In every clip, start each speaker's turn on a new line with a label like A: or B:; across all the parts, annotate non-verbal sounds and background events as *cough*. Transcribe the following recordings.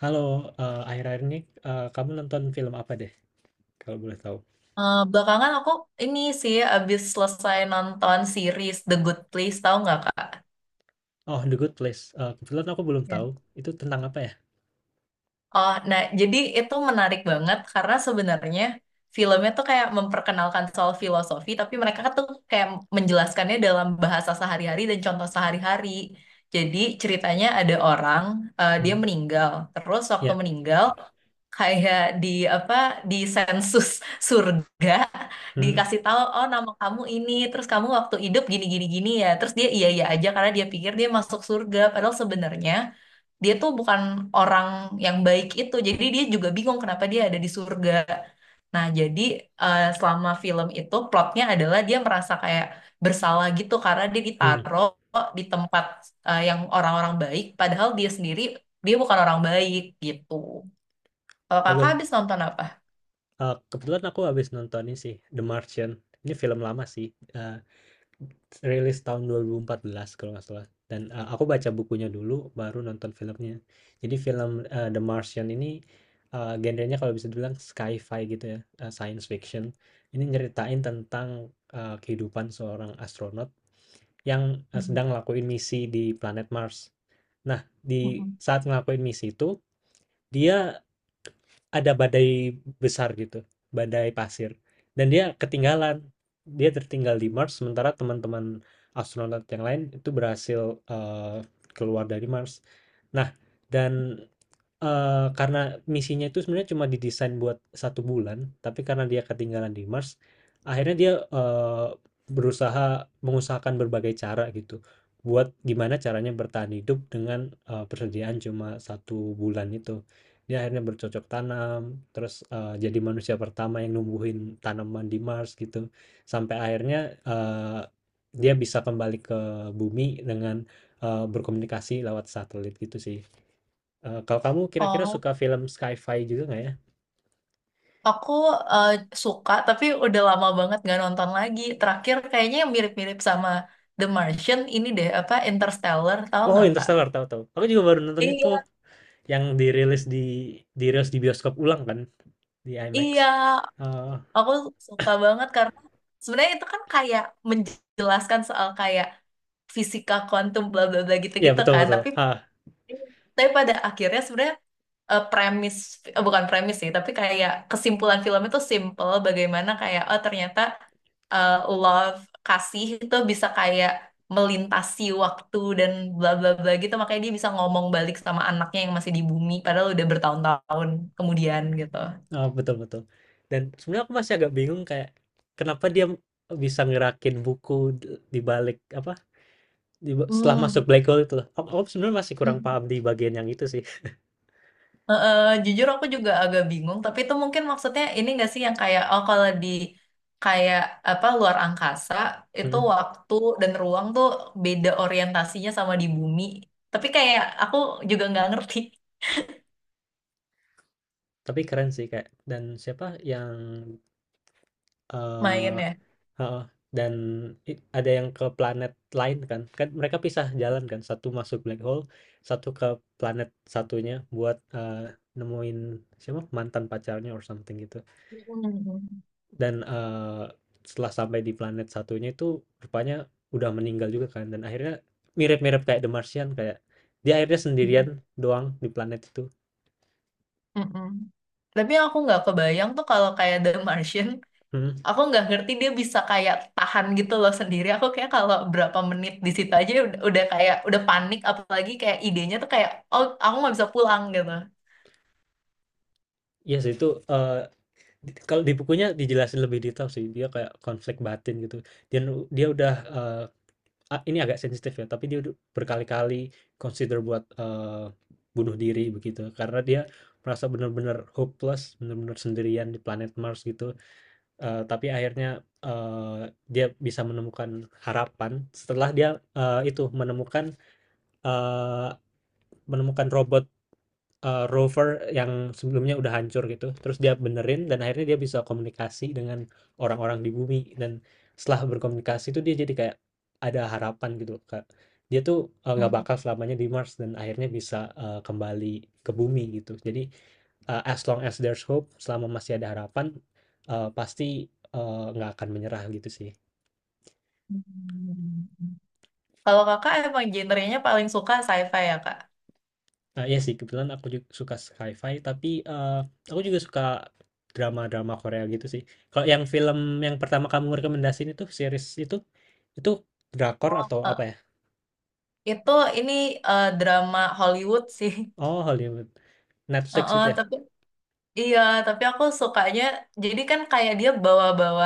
A: Halo, akhir-akhir ini, kamu nonton film apa deh, kalau boleh tahu?
B: Belakangan aku ini sih abis selesai nonton series The Good Place, tahu nggak Kak?
A: Oh, The Good Place, kebetulan aku belum
B: Iya.
A: tahu, itu tentang apa ya?
B: Oh, nah jadi itu menarik banget karena sebenarnya filmnya tuh kayak memperkenalkan soal filosofi, tapi mereka tuh kayak menjelaskannya dalam bahasa sehari-hari dan contoh sehari-hari. Jadi ceritanya ada orang, dia
A: Mmm.
B: meninggal. Terus waktu
A: Ya.
B: meninggal, kayak di apa di sensus surga
A: Mhm.
B: dikasih tahu oh nama kamu ini terus kamu waktu hidup gini gini gini ya terus dia iya iya aja karena dia pikir dia masuk surga padahal sebenarnya dia tuh bukan orang yang baik itu jadi dia juga bingung kenapa dia ada di surga nah jadi selama film itu plotnya adalah dia merasa kayak bersalah gitu karena dia
A: Mhm.
B: ditaruh di tempat yang orang-orang baik padahal dia sendiri dia bukan orang baik gitu. Kalau
A: kebe
B: kakak habis nonton apa?
A: Kebetulan aku habis nonton ini sih, The Martian, ini film lama sih, eh, rilis tahun 2014 kalau nggak salah dan, aku baca bukunya dulu baru nonton filmnya. Jadi film, The Martian ini, genrenya kalau bisa dibilang sci-fi gitu ya, science fiction. Ini nyeritain tentang, kehidupan seorang astronot yang,
B: Hmm.
A: sedang ngelakuin misi di planet Mars. Nah, di
B: Mm-mm.
A: saat ngelakuin misi itu, dia, ada badai besar gitu, badai pasir. Dan dia ketinggalan. Dia tertinggal di Mars, sementara teman-teman astronot yang lain itu berhasil eh, keluar dari Mars. Nah, dan karena misinya itu sebenarnya cuma didesain buat satu bulan, tapi karena dia ketinggalan di Mars, akhirnya dia, berusaha mengusahakan berbagai cara gitu, buat gimana caranya bertahan hidup dengan, persediaan cuma satu bulan itu. Dia akhirnya bercocok tanam, terus, jadi manusia pertama yang numbuhin tanaman di Mars gitu, sampai akhirnya, dia bisa kembali ke bumi dengan, berkomunikasi lewat satelit gitu sih. Kalau kamu kira-kira
B: Oh,
A: suka film sci-fi juga nggak ya?
B: aku eh, suka tapi udah lama banget gak nonton lagi. Terakhir kayaknya yang mirip-mirip sama The Martian ini deh apa Interstellar tahu
A: Oh,
B: nggak kak?
A: Interstellar, tahu tahu. Aku juga baru nonton itu
B: Iya,
A: yang dirilis di bioskop ulang kan, di IMAX.
B: iya,
A: Eee,
B: aku suka banget karena sebenarnya itu kan kayak menjelaskan soal kayak fisika kuantum bla bla bla
A: iya
B: gitu-gitu
A: betul
B: kan,
A: betul, heeh,
B: tapi pada akhirnya sebenarnya premis bukan premis sih tapi kayak kesimpulan film itu simple bagaimana kayak oh ternyata eh, love kasih itu bisa kayak melintasi waktu dan bla bla bla gitu makanya dia bisa ngomong balik sama anaknya yang masih di bumi padahal udah bertahun-tahun kemudian gitu.
A: Heeh, betul betul. Dan sebenarnya aku masih agak bingung kayak kenapa dia bisa ngerakin buku de di balik apa, di ba setelah masuk
B: Oh,
A: black hole itu loh. Aku sebenarnya masih kurang paham di bagian yang itu sih.
B: heeh, jujur aku juga agak bingung, tapi itu mungkin maksudnya ini nggak sih yang kayak oh kalau di kayak apa luar angkasa itu
A: Mhm,
B: waktu dan ruang tuh beda orientasinya sama di bumi. Tapi kayak aku juga nggak ngerti
A: tapi keren sih kayak dan siapa yang,
B: *laughs*
A: eh,
B: mainnya.
A: heeh, dan ada yang ke planet lain kan. Kan mereka pisah jalan kan, satu masuk black hole, satu ke planet satunya buat nemuin siapa mantan pacarnya or something gitu.
B: Mm-mm.
A: Dan setelah sampai di planet satunya itu rupanya udah meninggal juga kan dan akhirnya mirip-mirip kayak The Martian kayak dia akhirnya sendirian doang di planet itu.
B: Mm-mm. Tapi yang aku nggak kebayang tuh kalau kayak The Martian,
A: Hmm,
B: aku nggak ngerti dia bisa kayak tahan gitu loh sendiri. Aku kayak kalau berapa menit di situ aja udah kayak udah panik, apalagi kayak idenya tuh kayak oh aku nggak bisa pulang gitu.
A: iya sih itu eh, kalau di bukunya dijelasin lebih detail sih dia kayak konflik batin gitu. Dia udah eh, ah, ini agak sensitif ya, tapi dia udah berkali-kali consider buat, bunuh diri begitu, karena dia merasa benar-benar hopeless, benar-benar sendirian di planet Mars gitu, tapi akhirnya, dia bisa menemukan harapan setelah dia, itu eee, menemukan robot rover yang sebelumnya udah hancur gitu, terus dia benerin dan akhirnya dia bisa komunikasi dengan orang-orang di bumi dan setelah berkomunikasi itu dia jadi kayak ada harapan gitu, Kak. Dia tuh, nggak
B: Hmm.
A: bakal selamanya di Mars dan akhirnya bisa, kembali ke bumi gitu. Jadi, as long as there's hope, selama masih ada harapan, pasti, nggak akan menyerah gitu sih.
B: Kalau kakak emang genrenya paling suka sci-fi ya kak?
A: Nah, iya sih, kebetulan aku juga suka sci-fi, tapi eh, aku juga suka drama-drama Korea gitu sih. Kalau yang film yang pertama kamu rekomendasiin itu series itu drakor
B: Oh.
A: atau apa ya?
B: Itu ini drama Hollywood sih. *laughs*
A: Oh, Hollywood, Netflix itu ya?
B: Tapi iya, tapi aku sukanya. Jadi kan kayak dia bawa-bawa.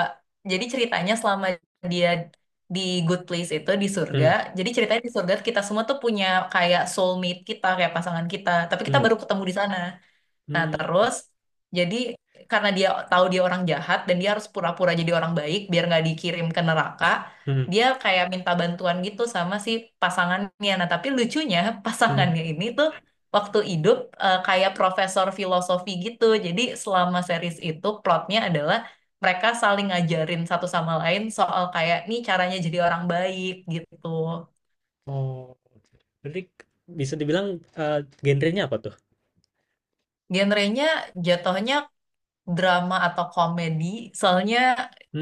B: Jadi ceritanya selama dia di Good Place itu di surga.
A: Hmm.
B: Jadi ceritanya di surga kita semua tuh punya kayak soulmate kita kayak pasangan kita. Tapi kita
A: Hmm.
B: baru ketemu di sana. Nah,
A: Hmm.
B: terus jadi karena dia tahu dia orang jahat dan dia harus pura-pura jadi orang baik biar nggak dikirim ke neraka,
A: Hmm.
B: dia kayak minta bantuan gitu sama si pasangannya. Nah, tapi lucunya *laughs*
A: Hmm.
B: pasangannya ini tuh waktu hidup kayak profesor filosofi gitu. Jadi selama series itu plotnya adalah mereka saling ngajarin satu sama lain soal kayak nih caranya jadi orang baik gitu.
A: Oh, jadi bisa dibilang eh, genrenya apa tuh?
B: Genrenya jatuhnya drama atau komedi. Soalnya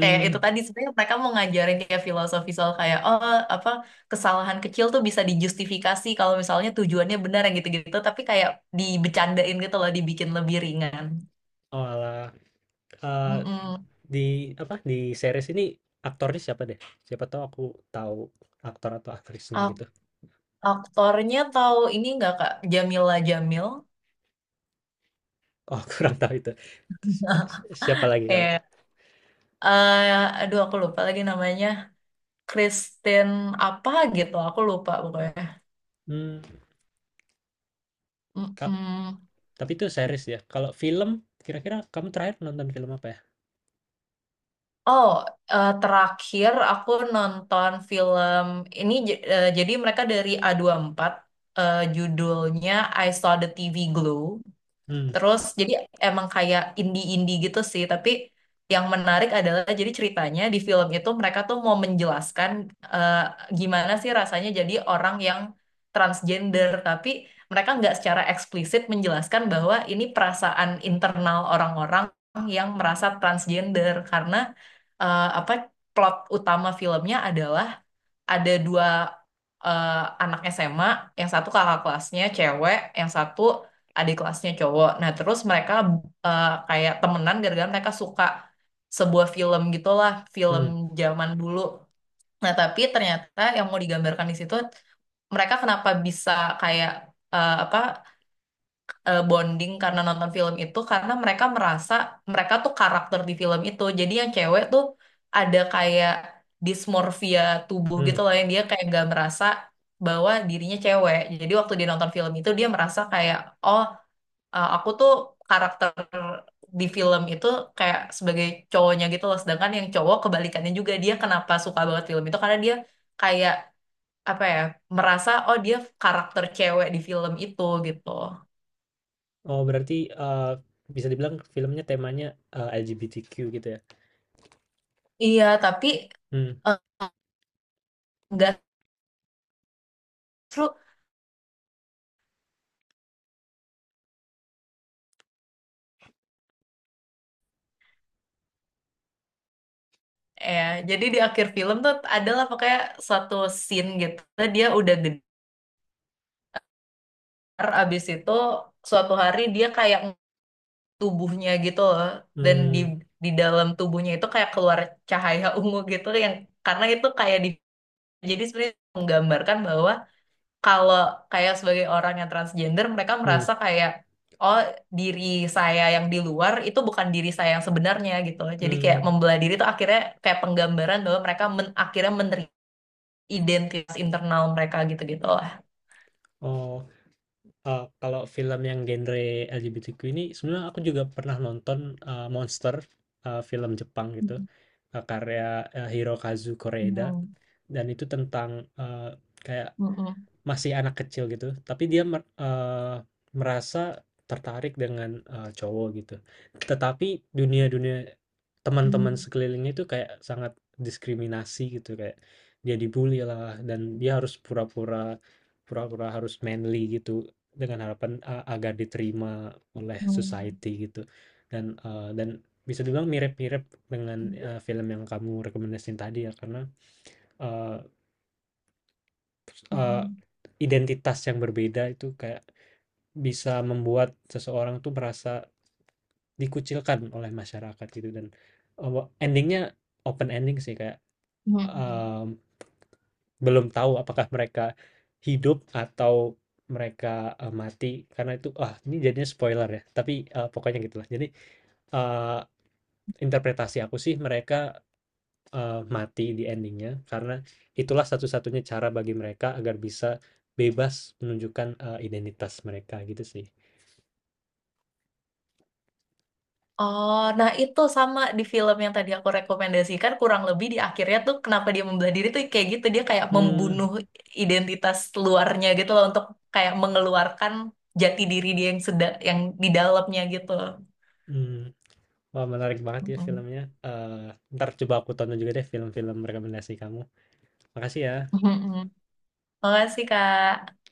B: kayak itu tadi sebenarnya mereka mau ngajarin kayak filosofi soal kayak oh apa kesalahan kecil tuh bisa dijustifikasi kalau misalnya tujuannya benar yang gitu-gitu. Tapi kayak dibecandain gitu loh, dibikin lebih ringan.
A: Oh alah. Eh,
B: Mm-mm.
A: di di series ini aktornya siapa deh? Siapa tahu aku tahu aktor atau aktrisnya
B: Ak-
A: gitu.
B: Aktornya tahu ini nggak Kak Jamila Jamil?
A: Oh *laughs* kurang tahu itu. Si si siapa lagi kalau itu?
B: Kayak eh aduh aku lupa lagi namanya. Kristen apa gitu, aku lupa pokoknya.
A: Mmm, ka
B: Mm-mm.
A: tapi itu series ya? Kalau film, kira-kira kamu terakhir nonton film apa ya?
B: Oh, terakhir aku nonton film ini jadi mereka dari A24, judulnya I Saw the TV Glow.
A: Hmm.
B: Terus jadi emang kayak indie-indie gitu sih, tapi yang menarik adalah jadi ceritanya di film itu mereka tuh mau menjelaskan eh, gimana sih rasanya jadi orang yang transgender, tapi mereka nggak secara eksplisit menjelaskan bahwa ini perasaan internal orang-orang yang merasa transgender karena apa plot utama filmnya adalah ada dua eh, anak SMA, yang satu kakak kelasnya cewek, yang satu adik kelasnya cowok. Nah, terus mereka kayak temenan gara-gara mereka suka sebuah film gitulah, film
A: Hmm.
B: zaman dulu. Nah, tapi ternyata yang mau digambarkan di situ mereka kenapa bisa kayak apa bonding karena nonton film itu karena mereka merasa mereka tuh karakter di film itu. Jadi yang cewek tuh ada kayak dismorfia tubuh gitu
A: Mmm.
B: loh yang dia kayak nggak merasa bahwa dirinya cewek. Jadi waktu dia nonton film itu dia merasa kayak oh aku tuh karakter di film itu kayak sebagai cowoknya gitu loh. Sedangkan yang cowok kebalikannya juga dia kenapa suka banget film itu karena dia kayak apa ya merasa oh dia karakter cewek di film itu gitu.
A: Oh berarti, eee, bisa dibilang filmnya temanya, LGBTQ gitu ya?
B: Iya, tapi
A: Hmm.
B: enggak seru ya jadi di akhir film tuh adalah pokoknya suatu scene gitu dia udah gedar abis itu suatu hari dia kayak tubuhnya gitu loh dan
A: Hmm.
B: di dalam tubuhnya itu kayak keluar cahaya *laughs* ungu gitu yang karena itu kayak di jadi sebenarnya menggambarkan bahwa kalau kayak sebagai orang yang transgender mereka merasa
A: Hmm.
B: kayak oh diri saya yang di luar itu bukan diri saya yang sebenarnya gitu jadi kayak
A: Mmm.
B: membelah diri itu akhirnya kayak penggambaran bahwa mereka akhirnya menerima identitas internal mereka gitu gitu lah.
A: Oh. Kalau film yang genre LGBTQ ini sebenarnya aku juga pernah nonton, Monster, film Jepang gitu, karya, Hirokazu Koreeda
B: Hmm.
A: dan itu tentang, eee, kayak
B: Mm-mm.
A: masih anak kecil gitu, tapi dia merasa tertarik dengan, cowok gitu. Tetapi dunia-dunia teman-teman
B: Mm-mm.
A: sekelilingnya itu kayak sangat diskriminasi gitu, kayak dia dibully lah dan dia harus pura-pura harus manly gitu dengan harapan, agar diterima oleh society
B: Mm-mm.
A: gitu. Dan bisa dibilang mirip-mirip dengan, film yang kamu rekomendasiin tadi ya karena, eee eee, identitas yang berbeda itu kayak bisa membuat seseorang tuh merasa dikucilkan oleh masyarakat gitu. Dan endingnya open ending sih, kayak um, belum tahu apakah mereka hidup atau mereka mati karena itu. Ah, ini jadinya spoiler ya, tapi pokoknya gitulah. Jadi uh, interpretasi aku sih mereka mati di endingnya, karena itulah satu-satunya cara bagi mereka agar bisa bebas menunjukkan identitas mereka gitu sih.
B: Oh, nah itu sama di film yang tadi aku rekomendasikan kurang lebih di akhirnya tuh kenapa dia membelah diri tuh kayak gitu dia kayak
A: Hmm.
B: membunuh identitas luarnya gitu loh untuk kayak mengeluarkan jati diri dia yang sedang yang di dalamnya gitu.
A: Hmm. Wah, menarik banget ya
B: Mm-mm.
A: filmnya. Eh, ntar coba aku tonton juga deh film-film rekomendasi kamu. Makasih ya.
B: Mm-mm. Makasih Kak.